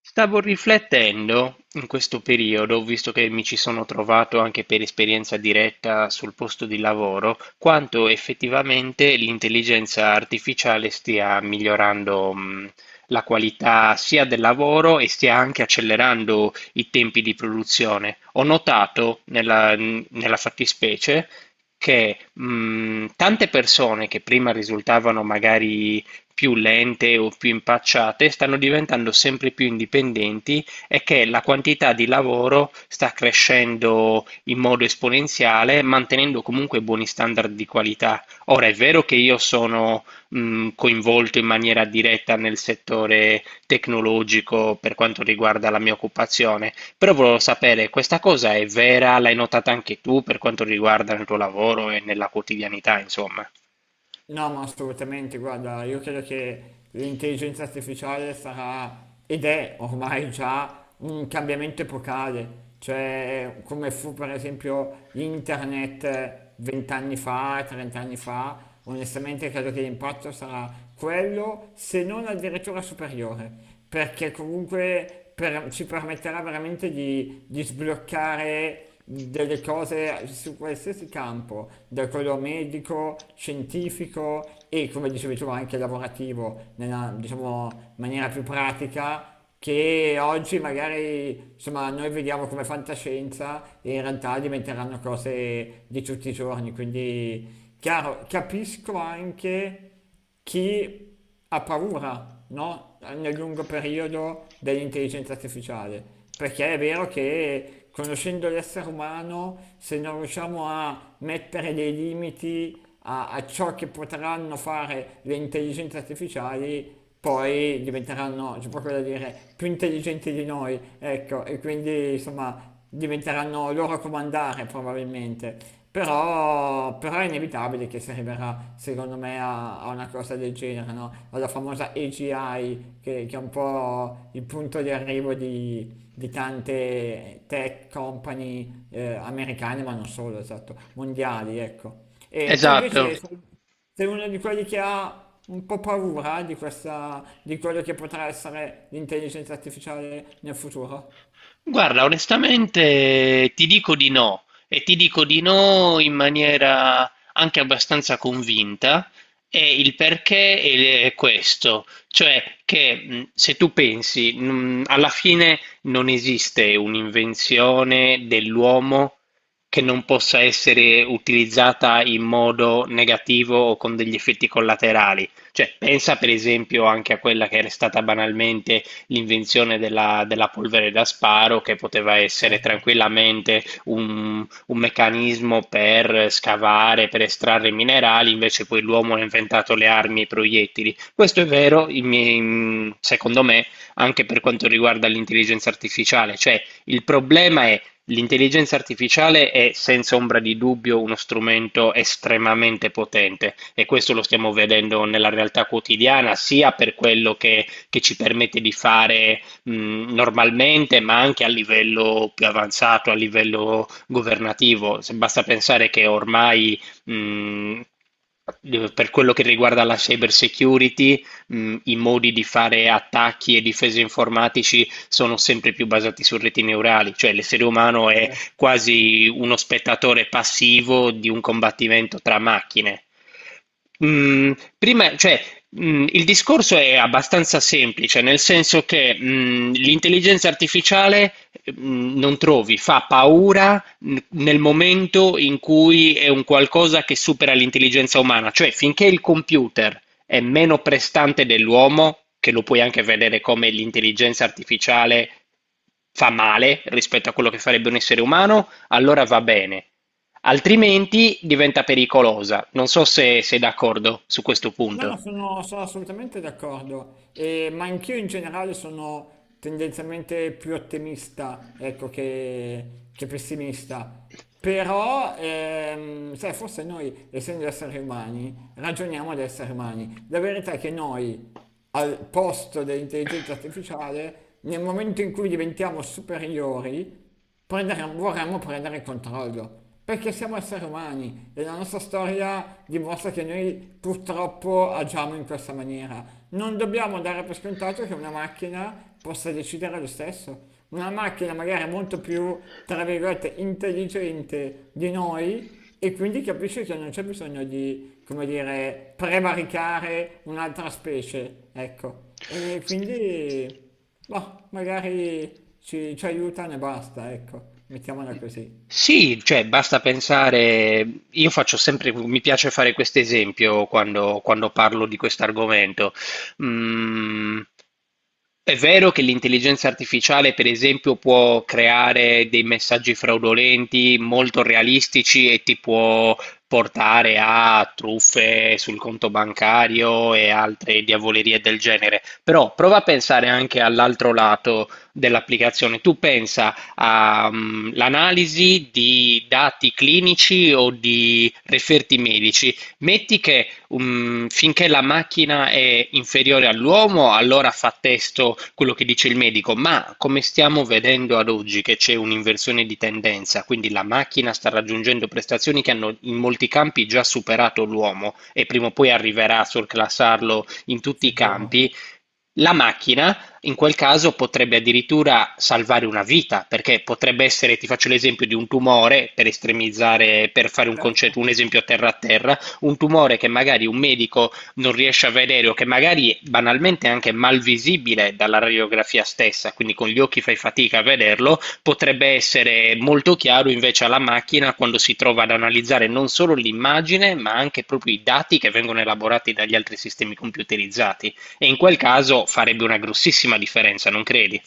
Stavo riflettendo in questo periodo, visto che mi ci sono trovato anche per esperienza diretta sul posto di lavoro, quanto effettivamente l'intelligenza artificiale stia migliorando, la qualità sia del lavoro e stia anche accelerando i tempi di produzione. Ho notato nella fattispecie che tante persone che prima risultavano magari più lente o più impacciate stanno diventando sempre più indipendenti e che la quantità di lavoro sta crescendo in modo esponenziale, mantenendo comunque buoni standard di qualità. Ora, è vero che io sono coinvolto in maniera diretta nel settore tecnologico per quanto riguarda la mia occupazione, però volevo sapere, questa cosa è vera? L'hai notata anche tu per quanto riguarda il tuo lavoro e nella quotidianità, insomma? No, ma assolutamente, guarda, io credo che l'intelligenza artificiale sarà ed è ormai già un cambiamento epocale, cioè come fu per esempio internet vent'anni fa, trent'anni fa, onestamente credo che l'impatto sarà quello, se non addirittura superiore, perché comunque ci permetterà veramente di sbloccare delle cose su qualsiasi campo, da quello medico, scientifico e come dicevi tu anche lavorativo, nella diciamo, maniera più pratica che oggi magari insomma, noi vediamo come fantascienza e in realtà diventeranno cose di tutti i giorni. Quindi, chiaro, capisco anche chi ha paura, no? Nel lungo periodo dell'intelligenza artificiale, perché è vero che conoscendo l'essere umano, se non riusciamo a mettere dei limiti a ciò che potranno fare le intelligenze artificiali, poi diventeranno, c'è proprio da dire, più intelligenti di noi, ecco, e quindi insomma diventeranno loro a comandare probabilmente. Però è inevitabile che si arriverà, secondo me, a, a una cosa del genere, no? Alla famosa AGI, che è un po' il punto di arrivo di tante tech company americane, ma non solo, esatto, mondiali, ecco. E tu invece Esatto. sei uno di quelli che ha un po' paura di questa, di quello che potrà essere l'intelligenza artificiale nel futuro. Guarda, onestamente ti dico di no e ti dico di no in maniera anche abbastanza convinta e il perché è questo, cioè che se tu pensi, alla fine non esiste un'invenzione dell'uomo che non possa essere utilizzata in modo negativo o con degli effetti collaterali. Cioè, pensa per esempio anche a quella che era stata banalmente l'invenzione della polvere da sparo che poteva essere Certo. tranquillamente un meccanismo per scavare, per estrarre minerali, invece poi l'uomo ha inventato le armi e i proiettili. Questo è vero, secondo me, anche per quanto riguarda l'intelligenza artificiale, cioè il problema è. L'intelligenza artificiale è senza ombra di dubbio uno strumento estremamente potente e questo lo stiamo vedendo nella realtà quotidiana, sia per quello che ci permette di fare normalmente, ma anche a livello più avanzato, a livello governativo. Se basta pensare che ormai mh, per quello che riguarda la cyber security, i modi di fare attacchi e difese informatici sono sempre più basati su reti neurali, cioè l'essere umano è quasi uno spettatore passivo di un combattimento tra macchine. Mm, prima, cioè, il discorso è abbastanza semplice, nel senso che, l'intelligenza artificiale, non trovi, fa paura nel momento in cui è un qualcosa che supera l'intelligenza umana, cioè finché il computer è meno prestante dell'uomo, che lo puoi anche vedere come l'intelligenza artificiale fa male rispetto a quello che farebbe un essere umano, allora va bene. Altrimenti diventa pericolosa. Non so se sei d'accordo su questo No, no, punto. sono assolutamente d'accordo, ma anch'io in generale sono tendenzialmente più ottimista, ecco, che pessimista. Però, sai, forse noi, essendo esseri umani, ragioniamo da esseri umani. La verità è che noi, al posto dell'intelligenza artificiale, nel momento in cui diventiamo superiori, vorremmo prendere il controllo, perché siamo esseri umani e la nostra storia dimostra che noi purtroppo agiamo in questa maniera. Non dobbiamo dare per scontato che una macchina possa decidere lo stesso. Una macchina magari molto più, tra virgolette, intelligente di noi e quindi capisce che non c'è bisogno di, come dire, prevaricare un'altra specie, ecco. E quindi boh, magari ci aiutano e basta, ecco, mettiamola così. Sì, cioè basta pensare, io faccio sempre, mi piace fare questo esempio quando parlo di questo argomento. Mm, è vero che l'intelligenza artificiale, per esempio, può creare dei messaggi fraudolenti molto realistici e ti può portare a truffe sul conto bancario e altre diavolerie del genere, però prova a pensare anche all'altro lato dell'applicazione. Tu pensa all'analisi di dati clinici o di referti medici. Metti che finché la macchina è inferiore all'uomo, allora fa testo quello che dice il medico, ma come stiamo vedendo ad oggi che c'è un'inversione di tendenza, quindi la macchina sta raggiungendo prestazioni che hanno in molti campi già superato l'uomo e prima o poi arriverà a surclassarlo in tutti i Sicuro? campi, la macchina in quel caso potrebbe addirittura salvare una vita, perché potrebbe essere, ti faccio l'esempio di un tumore, per estremizzare, per fare un Certo. concetto, un esempio terra a terra, un tumore che magari un medico non riesce a vedere o che magari banalmente è anche mal visibile dalla radiografia stessa, quindi con gli occhi fai fatica a vederlo, potrebbe essere molto chiaro invece alla macchina quando si trova ad analizzare non solo l'immagine, ma anche proprio i dati che vengono elaborati dagli altri sistemi computerizzati. E in quel caso farebbe una grossissima differenza, non credi?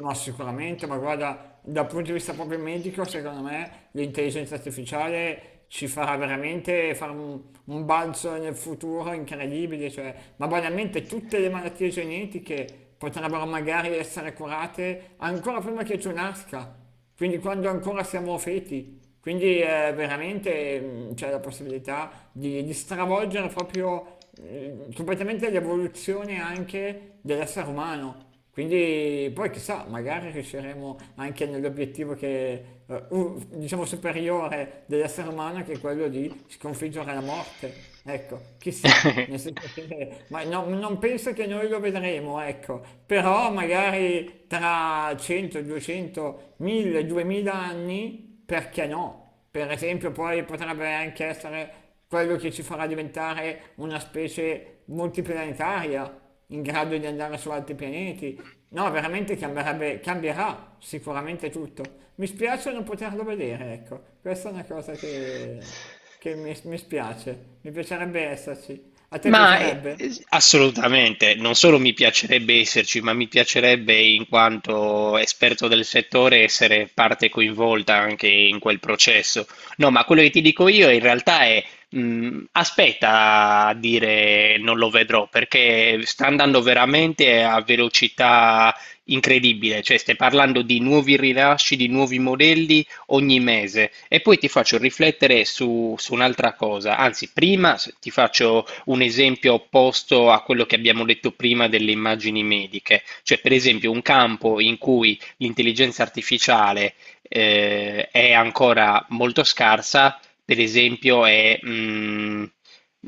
No, sicuramente, ma guarda, dal punto di vista proprio medico, secondo me l'intelligenza artificiale ci farà veramente fare un balzo nel futuro incredibile, cioè, ma banalmente tutte le malattie genetiche potrebbero magari essere curate ancora prima che tu nasca, quindi quando ancora siamo feti. Quindi veramente mm, c'è la possibilità di stravolgere proprio completamente l'evoluzione anche dell'essere umano. Quindi poi chissà, magari riusciremo anche nell'obiettivo che, diciamo, superiore dell'essere umano, che è quello di sconfiggere la morte. Ecco, chissà, nel senso che, ma non penso che noi lo vedremo, ecco, però magari tra 100, 200, 1000, 2000 anni, perché no? Per esempio, poi potrebbe anche essere quello che ci farà diventare una specie multiplanetaria in grado di andare su altri pianeti. No, veramente cambierà sicuramente tutto. Mi spiace non poterlo vedere, ecco. Questa è una cosa che mi spiace. Mi piacerebbe esserci. A te Ma piacerebbe? assolutamente, non solo mi piacerebbe esserci, ma mi piacerebbe in quanto esperto del settore essere parte coinvolta anche in quel processo. No, ma quello che ti dico io in realtà è aspetta a dire non lo vedrò perché sta andando veramente a velocità incredibile, cioè stai parlando di nuovi rilasci, di nuovi modelli ogni mese e poi ti faccio riflettere su un'altra cosa, anzi prima ti faccio un esempio opposto a quello che abbiamo detto prima delle immagini mediche, cioè per esempio un campo in cui l'intelligenza artificiale è ancora molto scarsa, per esempio è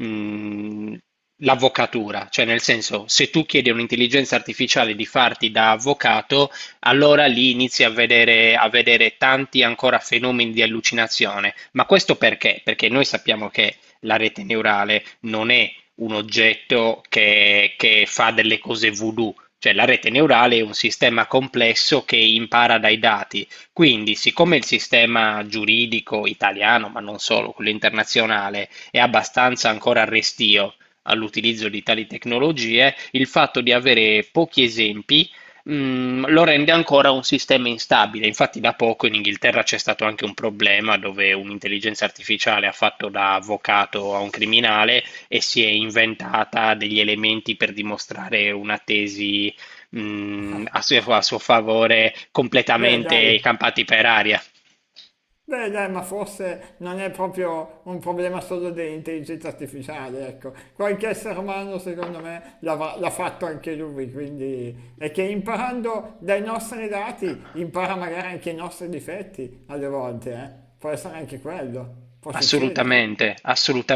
mm, l'avvocatura, cioè nel senso se tu chiedi a un'intelligenza artificiale di farti da avvocato, allora lì inizi a vedere tanti ancora fenomeni di allucinazione. Ma questo perché? Perché noi sappiamo che la rete neurale non è un oggetto che fa delle cose voodoo. Cioè la rete neurale è un sistema complesso che impara dai dati. Quindi, siccome il sistema giuridico italiano, ma non solo, quello internazionale, è abbastanza ancora restio all'utilizzo di tali tecnologie, il fatto di avere pochi esempi lo rende ancora un sistema instabile. Infatti, da poco in Inghilterra c'è stato anche un problema dove un'intelligenza artificiale ha fatto da avvocato a un criminale e si è inventata degli elementi per dimostrare una tesi, a a suo favore Beh, dai. completamente campati per aria. Beh, dai, ma forse non è proprio un problema solo dell'intelligenza artificiale, ecco. Qualche essere umano, secondo me, l'ha fatto anche lui, quindi è che imparando dai nostri dati impara magari anche i nostri difetti alle volte, eh. Può essere anche quello, può succedere. Assolutamente,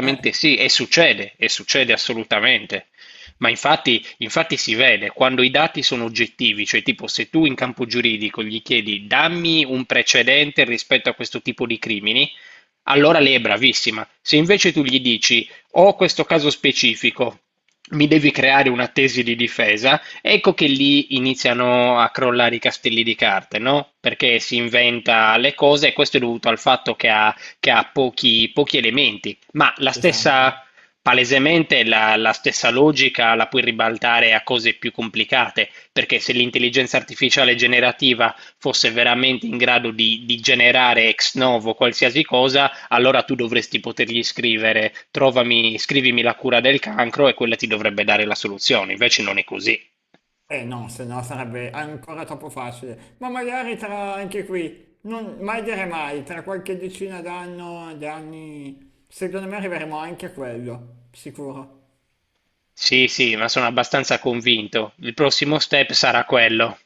Eh, sì, e succede assolutamente. Ma infatti, infatti si vede quando i dati sono oggettivi, cioè tipo se tu in campo giuridico gli chiedi dammi un precedente rispetto a questo tipo di crimini, allora lei è bravissima, se invece tu gli dici: "Ho questo caso specifico, mi devi creare una tesi di difesa", ecco che lì iniziano a crollare i castelli di carte, no? Perché si inventa le cose e questo è dovuto al fatto che che ha pochi elementi. Ma la esatto. stessa, palesemente, la stessa logica la puoi ribaltare a cose più complicate, perché se l'intelligenza artificiale generativa fosse veramente in grado di generare ex novo qualsiasi cosa, allora tu dovresti potergli scrivere, trovami, scrivimi la cura del cancro e quella ti dovrebbe dare la soluzione, invece non è così. Eh no, se no sarebbe ancora troppo facile. Ma magari tra anche qui, non, mai dire mai, tra qualche d'anni, secondo me arriveremo anche a quello, sicuro. Sì, sì, ma sono abbastanza convinto. Il prossimo step sarà quello.